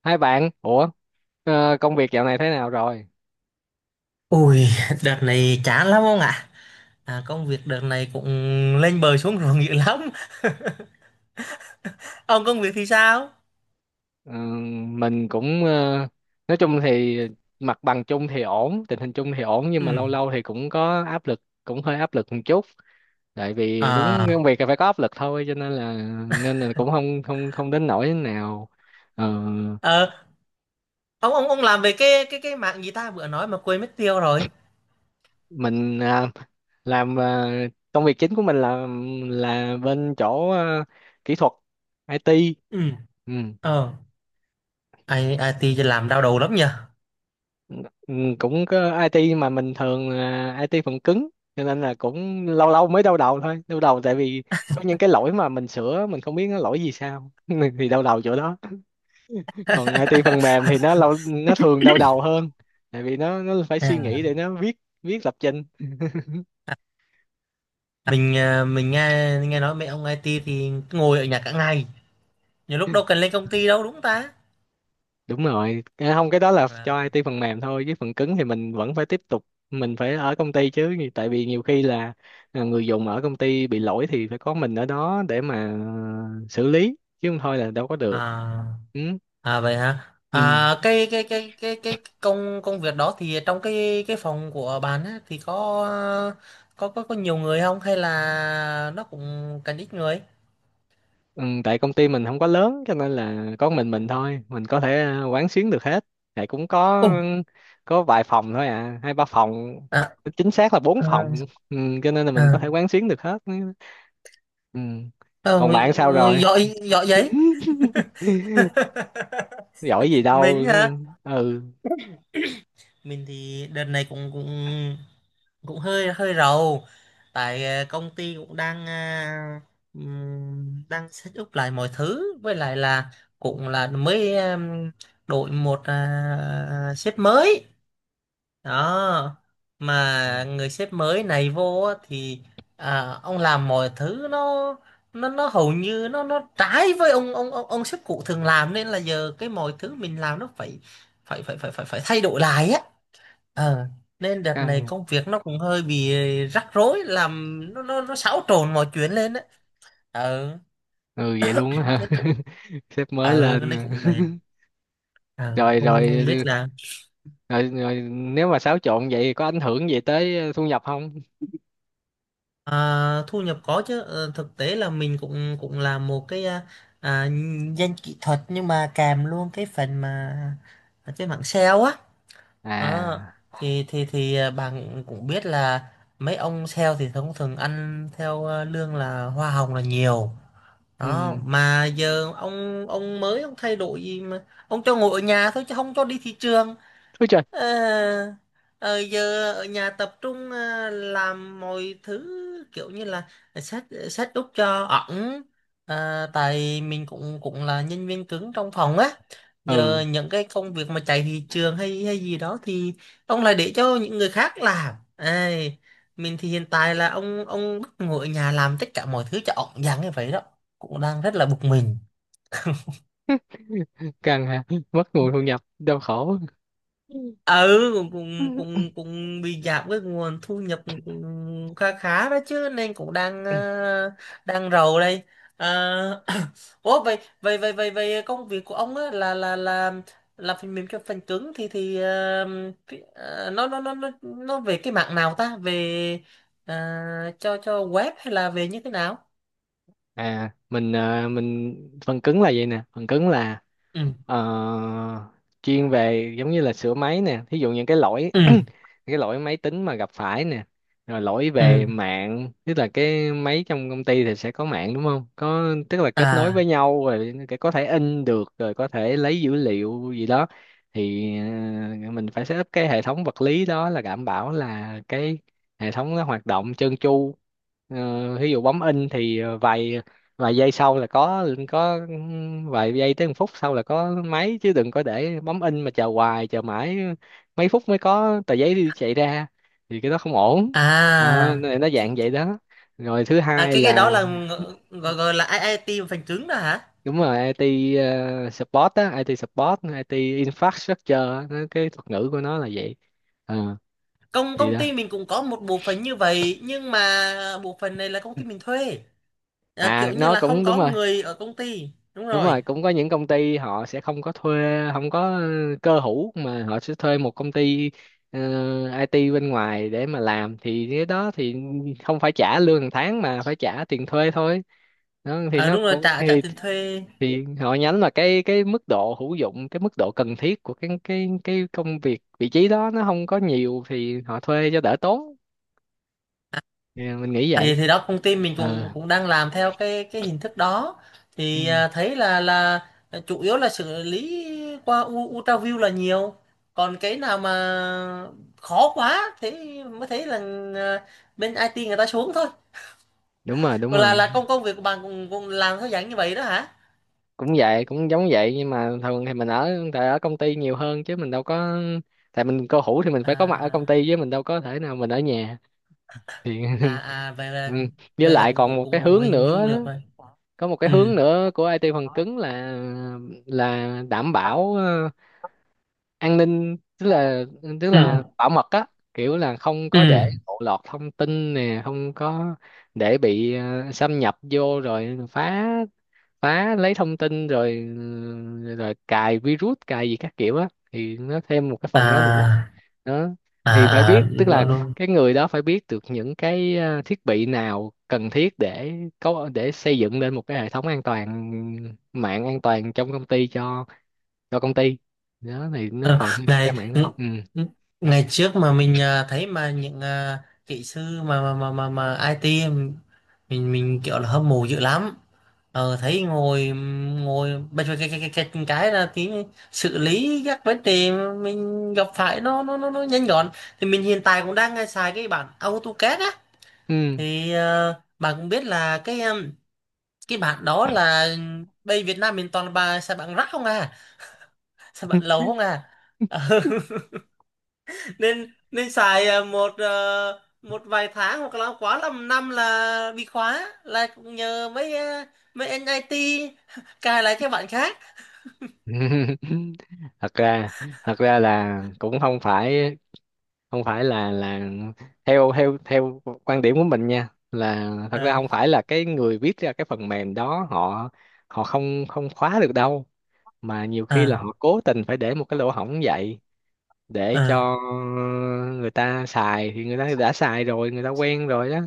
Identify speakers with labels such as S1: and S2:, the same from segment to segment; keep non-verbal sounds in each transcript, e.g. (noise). S1: Hai bạn, ủa, công việc dạo này thế nào rồi?
S2: Ui, (laughs) đợt này chán lắm ông ạ. À, công việc đợt này cũng lên bờ xuống ruộng dữ lắm. (laughs) Ông công việc thì sao?
S1: Ờ, mình cũng nói chung thì mặt bằng chung thì ổn, tình hình chung thì ổn nhưng
S2: Ừ.
S1: mà lâu lâu thì cũng có áp lực, cũng hơi áp lực một chút. Tại vì đúng
S2: À,
S1: công việc là phải có áp lực thôi cho nên là cũng không không không đến nỗi nào. Ờ,
S2: ờ, ông làm về cái mạng gì ta vừa nói mà quên mất tiêu rồi.
S1: mình à, làm à, Công việc chính của mình là bên chỗ kỹ thuật IT.
S2: Ừ.
S1: Ừ.
S2: Ờ, IT thì làm đau đầu lắm nhờ.
S1: Ừ, cũng có IT mà mình thường là IT phần cứng cho nên là cũng lâu lâu mới đau đầu thôi, đau đầu tại vì có những cái lỗi mà mình sửa mình không biết nó lỗi gì sao (laughs) thì đau đầu chỗ đó. Còn IT phần mềm
S2: (laughs)
S1: thì nó lâu nó thường đau đầu hơn tại vì nó phải suy nghĩ
S2: À.
S1: để nó viết viết lập trình.
S2: Mình à, mình nghe nghe nói mấy ông IT thì ngồi ở nhà cả ngày. Nhiều lúc đâu cần lên công ty đâu đúng không ta?
S1: Đúng rồi. Không, cái đó là
S2: À.
S1: cho IT phần mềm thôi chứ phần cứng thì mình vẫn phải tiếp tục, mình phải ở công ty chứ, tại vì nhiều khi là người dùng ở công ty bị lỗi thì phải có mình ở đó để mà xử lý, chứ không thôi là đâu có được.
S2: À.
S1: Ừ.
S2: À vậy hả?
S1: Ừ.
S2: À cái công công việc đó thì trong cái phòng của bạn á, thì có có nhiều người không hay là nó cũng cần ít người?
S1: Ừ. Tại công ty mình không có lớn cho nên là có
S2: Ừ.
S1: mình thôi, mình có thể quán xuyến được hết, tại cũng có
S2: Ồ,
S1: có vài phòng thôi, hai ba phòng,
S2: à
S1: chính xác là bốn phòng.
S2: à
S1: Ừ. Cho nên là mình có
S2: à.
S1: thể quán xuyến được hết. Ừ. Còn
S2: Ờ,
S1: bạn sao rồi?
S2: giỏi giỏi vậy.
S1: (laughs) (laughs) Giỏi gì
S2: (laughs)
S1: đâu.
S2: Mình hả?
S1: Ừ,
S2: Mình thì đợt này cũng cũng cũng hơi hơi rầu tại ờ, công ty cũng đang à, đang set up lại mọi thứ với lại là cũng là mới đổi một à, sếp mới đó mà người sếp mới này vô á thì à, ông làm mọi thứ nó hầu như nó trái với ông sếp cũ thường làm nên là giờ cái mọi thứ mình làm nó phải phải phải phải phải phải thay đổi lại á ờ nên đợt này
S1: căng.
S2: công việc nó cũng hơi bị rắc rối làm nó xáo trộn mọi chuyện lên á ờ
S1: Ừ, vậy luôn á hả?
S2: nên cũng
S1: (laughs) Sếp mới
S2: ờ nên
S1: lên. (laughs)
S2: cũng mệt ờ
S1: Rồi
S2: không không
S1: rồi
S2: biết là
S1: rồi rồi, nếu mà xáo trộn vậy có ảnh hưởng gì tới thu nhập không?
S2: à, thu nhập có chứ ờ, thực tế là mình cũng cũng làm một cái à, à, danh kỹ thuật nhưng mà kèm luôn cái phần mà à, cái mảng sale á. Ờ,
S1: À.
S2: thì à, bạn cũng biết là mấy ông sale thì thông thường ăn theo à, lương là hoa hồng là nhiều đó
S1: Ừ.
S2: mà giờ ông mới ông thay đổi gì mà ông cho ngồi ở nhà thôi chứ không cho đi thị trường.
S1: Ôi trời.
S2: Ờ, ờ, giờ ở nhà tập trung ờ, làm mọi thứ kiểu như là set set up cho ẩn. Ờ, tại mình cũng cũng là nhân viên cứng trong phòng á giờ
S1: Ừ,
S2: những cái công việc mà chạy thị trường hay hay gì đó thì ông lại để cho những người khác làm. Ai, mình thì hiện tại là ông bắt ngồi ở nhà làm tất cả mọi thứ cho ẩn dáng như vậy đó cũng đang rất là bực mình.
S1: căng ha. (laughs) Mất nguồn thu nhập đau khổ.
S2: Ừ cũng cũng
S1: (laughs)
S2: cũng cũng bị giảm cái nguồn thu nhập cũng khá khá đó chứ nên cũng đang ờ, đang rầu đây. Ờ, (coughs) ủa vậy vậy vậy vậy vậy công việc của ông á là là phần mềm cho phần cứng thì ờ, ờ, nó về cái mạng nào ta về ờ, cho web hay là về như thế nào.
S1: Mình phần cứng là vậy nè, phần cứng là...
S2: Ừ
S1: Ờ, chuyên về giống như là sửa máy nè, thí dụ những cái lỗi (clears throat)
S2: ừ
S1: những cái lỗi máy tính mà gặp phải nè, rồi lỗi
S2: ừ
S1: về mạng. Tức là cái máy trong công ty thì sẽ có mạng đúng không, có tức là kết nối với
S2: à
S1: nhau rồi, cái có thể in được rồi, có thể lấy dữ liệu gì đó. Thì mình phải setup cái hệ thống vật lý đó, là đảm bảo là cái hệ thống nó hoạt động trơn tru. Ví dụ bấm in thì vài vài giây sau là có vài giây tới một phút sau là có máy, chứ đừng có để bấm in mà chờ hoài chờ mãi mấy phút mới có tờ giấy đi chạy ra, thì cái đó không ổn. Đó,
S2: à.
S1: nó dạng
S2: Thì-
S1: vậy đó. Rồi thứ
S2: à
S1: hai
S2: cái
S1: là...
S2: đó là gọi gọi là IT phần cứng đó hả.
S1: Đúng rồi, IT support á, IT support, IT infrastructure á, cái thuật ngữ của nó là vậy. Ờ,
S2: công
S1: thì
S2: công
S1: đó.
S2: ty mình cũng có một bộ phận như vậy nhưng mà bộ phận này là công ty mình thuê à,
S1: À,
S2: kiểu như
S1: nó
S2: là không
S1: cũng đúng
S2: có
S1: rồi.
S2: người ở công ty đúng
S1: Đúng
S2: rồi
S1: rồi, cũng có những công ty họ sẽ không có thuê, không có cơ hữu mà họ sẽ thuê một công ty ờ, IT bên ngoài để mà làm, thì cái đó thì không phải trả lương hàng tháng mà phải trả tiền thuê thôi. Đó, thì
S2: à,
S1: nó
S2: đúng rồi
S1: cũng
S2: trả trả
S1: thì,
S2: tiền thuê.
S1: thì họ nhắm là cái mức độ hữu dụng, cái mức độ cần thiết của cái công việc vị trí đó nó không có nhiều thì họ thuê cho đỡ tốn. Thì mình nghĩ
S2: thì
S1: vậy.
S2: thì đó công ty mình cũng
S1: Ờ,
S2: cũng đang làm theo cái hình thức đó
S1: ừ,
S2: thì à, thấy là chủ yếu là xử lý qua UltraView là nhiều còn cái nào mà khó quá thế mới thấy là à, bên IT người ta xuống thôi
S1: đúng rồi, đúng
S2: còn là
S1: rồi.
S2: là công công việc của bạn cũng cũng làm theo dạng như vậy đó hả.
S1: Cũng vậy, cũng giống vậy, nhưng mà thường thì mình ở tại ở công ty nhiều hơn chứ mình đâu có, tại mình cô hủ thì mình phải có mặt ở công ty
S2: à
S1: chứ mình đâu có thể nào mình ở nhà. Thì
S2: à à
S1: (laughs) ừ. Với
S2: vậy là
S1: lại
S2: cũng
S1: còn
S2: cũng
S1: một
S2: cũng
S1: cái
S2: cũng
S1: hướng
S2: hình dung
S1: nữa
S2: được
S1: đó,
S2: rồi
S1: có một cái
S2: ừ
S1: hướng nữa của IT phần cứng là đảm bảo an ninh, tức là tức
S2: ừ
S1: là bảo mật á, kiểu là không
S2: ừ
S1: có để lộ lọt thông tin nè, không có để bị xâm nhập vô rồi phá phá lấy thông tin rồi rồi cài virus cài gì các kiểu á, thì nó thêm một cái phần đó nữa.
S2: à
S1: Đó,
S2: à
S1: thì phải
S2: à
S1: biết, tức là
S2: đúng, luôn.
S1: cái người đó phải biết được những cái thiết bị nào cần thiết để có, để xây dựng lên một cái hệ thống an toàn, mạng an toàn trong công ty cho công ty. Đó thì nó
S2: Ờ,
S1: còn thêm một cái
S2: ngày
S1: mảng đó. Ừ.
S2: ngày trước mà mình à, thấy mà những à, kỹ sư mà IT mình kiểu là hâm mộ dữ lắm ờ, thấy ngồi ngồi bây giờ cái là tí xử lý các vấn đề mình gặp phải nó nhanh gọn thì mình hiện tại cũng đang à, xài cái bản AutoCAD á
S1: Ừ.
S2: thì ờ, bạn cũng biết là cái em, cái bạn đó là bây Việt Nam mình toàn là bà xài bạn rác không à xài bạn lầu không à. Ờ, (laughs) nên nên xài ờ, một vài tháng hoặc là quá lắm năm là bị khóa là cũng nhờ mấy ờ, mấy anh IT (laughs) cài lại cái bạn khác
S1: (laughs) thật ra thật ra là cũng không phải là theo theo theo quan điểm của mình nha, là thật ra
S2: à
S1: không phải là cái người viết ra cái phần mềm đó họ họ không không khóa được đâu, mà nhiều khi là
S2: à
S1: họ cố tình phải để một cái lỗ hổng vậy để
S2: à
S1: cho người ta xài. Thì người ta đã xài rồi, người ta quen rồi đó,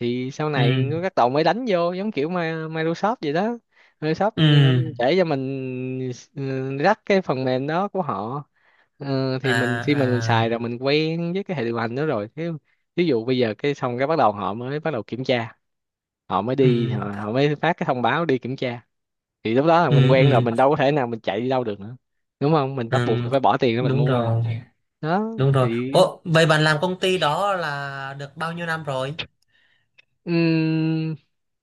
S1: thì sau
S2: ừ
S1: này các tàu mới đánh vô, giống kiểu Microsoft vậy đó. Microsoft,
S2: ừ
S1: để cho mình, rắc cái phần mềm đó của họ.
S2: à
S1: Thì mình khi mà mình
S2: à
S1: xài rồi, mình quen với cái hệ điều hành đó rồi thế, ví dụ bây giờ cái xong cái bắt đầu họ mới bắt đầu kiểm tra, họ mới
S2: ừ
S1: đi họ, họ mới phát cái thông báo đi kiểm tra, thì lúc đó là mình
S2: ừ
S1: quen rồi,
S2: ừ,
S1: mình đâu có thể nào mình chạy đi đâu được nữa, đúng không? Mình bắt buộc
S2: ừ.
S1: mình phải bỏ tiền ra mình
S2: Đúng
S1: mua rồi,
S2: rồi
S1: đó.
S2: đúng rồi.
S1: Thì
S2: Ủa, vậy bạn làm công ty đó là được bao nhiêu năm rồi.
S1: ừm,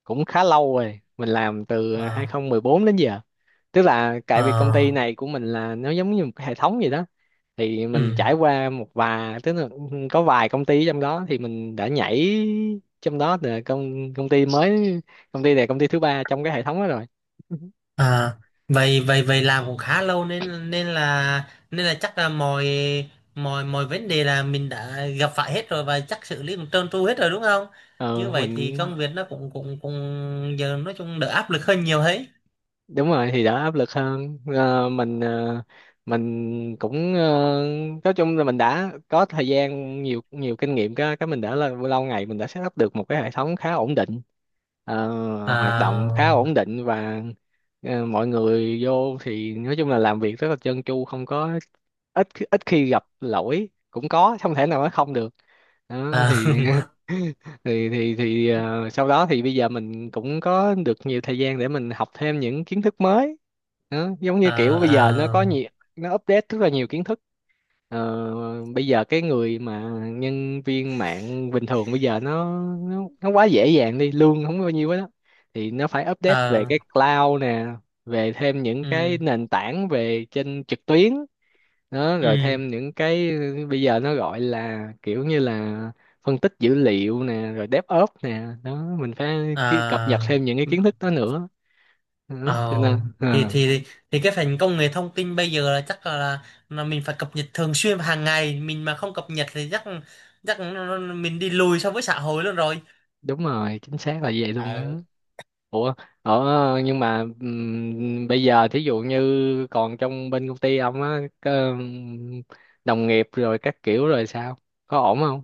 S1: cũng khá lâu rồi, mình làm từ
S2: Ờ,
S1: 2014 đến giờ. Tức là tại
S2: ờ,
S1: vì công ty này của mình là nó giống như một cái hệ thống gì đó, thì mình
S2: ừ.
S1: trải qua một vài, tức là có vài công ty trong đó thì mình đã nhảy, trong đó là công công ty mới, công ty này công ty thứ ba trong cái hệ thống đó rồi.
S2: À, vậy vậy vậy làm cũng khá lâu nên nên là chắc là mọi mọi mọi vấn đề là mình đã gặp phải hết rồi và chắc xử lý cũng trơn tru hết rồi đúng không như
S1: Ờ,
S2: vậy thì
S1: mình
S2: công việc nó cũng cũng cũng giờ nói chung đỡ áp lực hơn nhiều ấy.
S1: Đúng rồi, thì đỡ áp lực hơn. Ờ, mình cũng nói chung là mình đã có thời gian nhiều, nhiều kinh nghiệm, cái mình đã là lâu ngày mình đã set up được một cái hệ thống khá ổn định. Ờ, Hoạt động khá
S2: À,
S1: ổn định và mọi người vô thì nói chung là làm việc rất là trơn tru, không có, ít ít khi gặp lỗi, cũng có, không thể nào nói không được. Đó
S2: à,
S1: thì
S2: (laughs)
S1: (laughs) thì sau đó thì bây giờ mình cũng có được nhiều thời gian để mình học thêm những kiến thức mới đó. Giống như kiểu bây giờ nó
S2: à,
S1: có nhiều,
S2: à,
S1: nó update rất là nhiều kiến thức. Bây giờ cái người mà nhân viên mạng bình thường bây giờ nó quá dễ dàng, đi lương không có bao nhiêu hết đó, thì nó phải update về
S2: à,
S1: cái cloud nè, về thêm
S2: (laughs)
S1: những
S2: ừ,
S1: cái nền tảng về trên trực tuyến đó, rồi
S2: ừ,
S1: thêm những cái bây giờ nó gọi là kiểu như là phân tích dữ liệu nè, rồi DevOps nè, đó mình phải cập nhật
S2: à.
S1: thêm những cái kiến thức đó nữa đó.
S2: Ờ,
S1: Cho nên
S2: thì thì thì cái phần công nghệ thông tin bây giờ là chắc là mình phải cập nhật thường xuyên và hàng ngày mình mà không cập nhật thì chắc chắc mình đi lùi so với xã hội luôn rồi.
S1: đúng rồi, chính xác là vậy luôn đó.
S2: Ờ.
S1: Ủa, ở nhưng mà bây giờ thí dụ như còn trong bên công ty ông á, có đồng nghiệp rồi các kiểu rồi sao, có ổn không?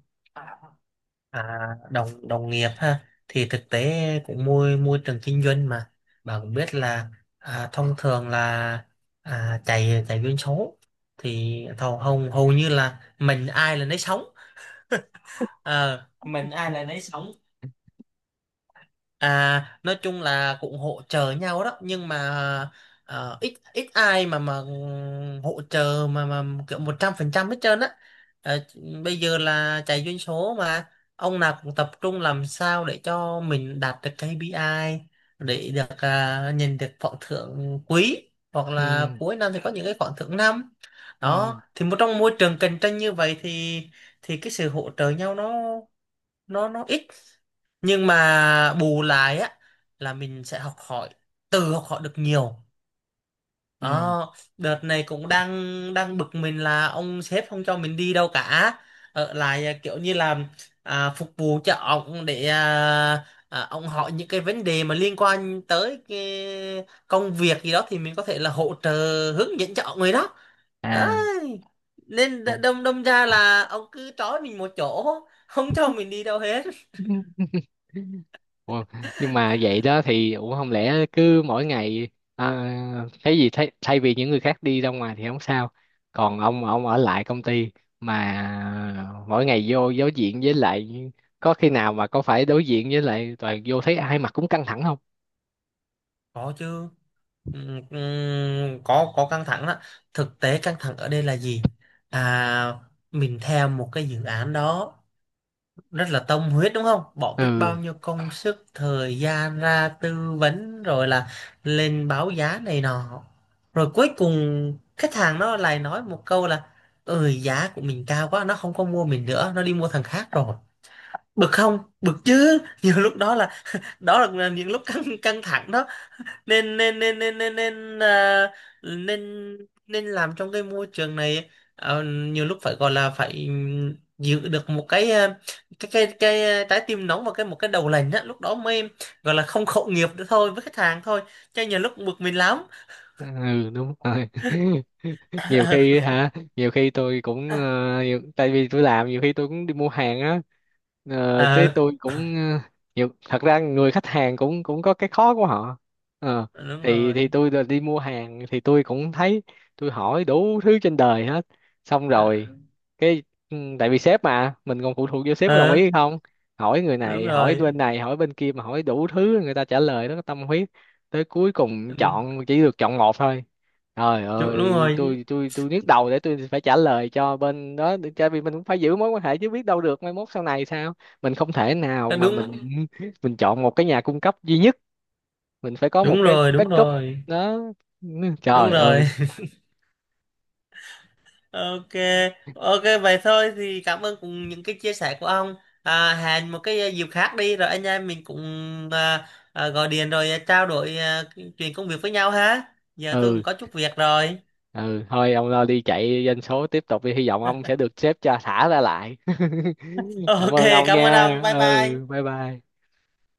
S2: À, đồng đồng nghiệp ha thì thực tế cũng môi môi trường kinh doanh mà bà cũng biết là à, thông thường là à, chạy chạy doanh số thì thầu hầu hầu như là mình ai là nấy sống. Ờ, mình ai là nấy sống. À, nói chung là cũng hỗ trợ nhau đó nhưng mà ờ, ít ít ai mà ừ, hỗ trợ mà kiểu 100% hết trơn á. Ờ, bây giờ là chạy doanh số mà ông nào cũng tập trung làm sao để cho mình đạt được KPI để được à, nhìn được khoản thưởng quý hoặc
S1: Ừ.
S2: là cuối năm thì có những cái khoản thưởng năm
S1: Ừ.
S2: đó thì một trong môi trường cạnh tranh như vậy thì cái sự hỗ trợ nhau nó nó ít nhưng mà bù lại á là mình sẽ học hỏi từ học hỏi được nhiều
S1: Ừ.
S2: đó đợt này cũng đang đang bực mình là ông sếp không cho mình đi đâu cả ở lại à, kiểu như là à, phục vụ cho ông để à, à, ông hỏi những cái vấn đề mà liên quan tới cái công việc gì đó thì mình có thể là hỗ trợ hướng dẫn cho ông người đó. Đấy.
S1: À,
S2: Nên
S1: ổn.
S2: đâm đâm ra là ông cứ trói mình một chỗ không cho mình đi đâu hết
S1: (laughs) Ủa, nhưng mà vậy đó thì, ủa, không lẽ cứ mỗi ngày à, thấy gì thay vì những người khác đi ra ngoài thì không sao, còn ông ở lại công ty, mà mỗi ngày vô đối diện với lại, có khi nào mà có phải đối diện với lại toàn vô thấy ai mặt cũng căng thẳng không?
S2: có chứ. Có căng thẳng đó thực tế căng thẳng ở đây là gì à mình theo một cái dự án đó rất là tâm huyết đúng không bỏ biết bao
S1: Ừ.
S2: nhiêu công sức thời gian ra tư vấn rồi là lên báo giá này nọ rồi cuối cùng khách hàng nó lại nói một câu là ừ giá của mình cao quá nó không có mua mình nữa nó đi mua thằng khác rồi bực không bực chứ (laughs) nhiều lúc đó là những lúc căng căng thẳng đó nên nên nên nên nên nên à, nên nên làm trong cái môi trường này ờ, nhiều lúc phải gọi là phải giữ được một cái à, cái à, trái tim nóng và cái một cái đầu lạnh á lúc đó mới gọi là không khẩu nghiệp nữa thôi với khách hàng thôi chứ nhiều lúc bực mình lắm.
S1: Ừ, đúng rồi. (laughs) Nhiều khi
S2: (laughs)
S1: hả? Nhiều khi tôi cũng tại vì tôi làm nhiều khi tôi cũng đi mua hàng á. Thế
S2: Ờ
S1: tôi cũng ờ, nhiều thật ra người khách hàng cũng cũng có cái khó của họ. Ờ,
S2: đúng
S1: thì
S2: rồi
S1: thì tôi là đi mua hàng thì tôi cũng thấy, tôi hỏi đủ thứ trên đời hết, xong
S2: ờ
S1: rồi cái, tại vì sếp mà mình còn phụ thuộc vô sếp có đồng ý
S2: ờ,
S1: hay không, hỏi người
S2: đúng rồi
S1: này hỏi bên kia mà hỏi đủ thứ, người ta trả lời nó có tâm huyết, tới cuối cùng
S2: đúng,
S1: chọn chỉ được chọn một thôi, trời
S2: đúng
S1: ơi,
S2: rồi
S1: tôi nhức đầu để tôi phải trả lời cho bên đó, tại vì mình cũng phải giữ mối quan hệ chứ, biết đâu được mai mốt sau này sao, mình không thể nào mà
S2: đúng
S1: mình (laughs) mình chọn một cái nhà cung cấp duy nhất, mình phải có một
S2: đúng
S1: cái
S2: rồi đúng
S1: backup
S2: rồi
S1: đó.
S2: đúng
S1: Trời ơi.
S2: rồi. Ok, ok vậy thôi thì cảm ơn cùng những cái chia sẻ của ông. À, hẹn một cái ờ, dịp khác đi rồi anh em mình cũng à, à, gọi điện rồi ờ, trao đổi à, chuyện công việc với nhau ha. Giờ tôi
S1: Ừ.
S2: cũng có chút việc rồi.
S1: Ừ, thôi ông lo đi chạy doanh số tiếp tục đi, hy vọng ông sẽ được sếp cho thả ra lại. (laughs)
S2: (laughs)
S1: Cảm
S2: Ok,
S1: ơn ông
S2: cảm ơn
S1: nha.
S2: ông. Bye
S1: Ừ,
S2: bye.
S1: bye bye.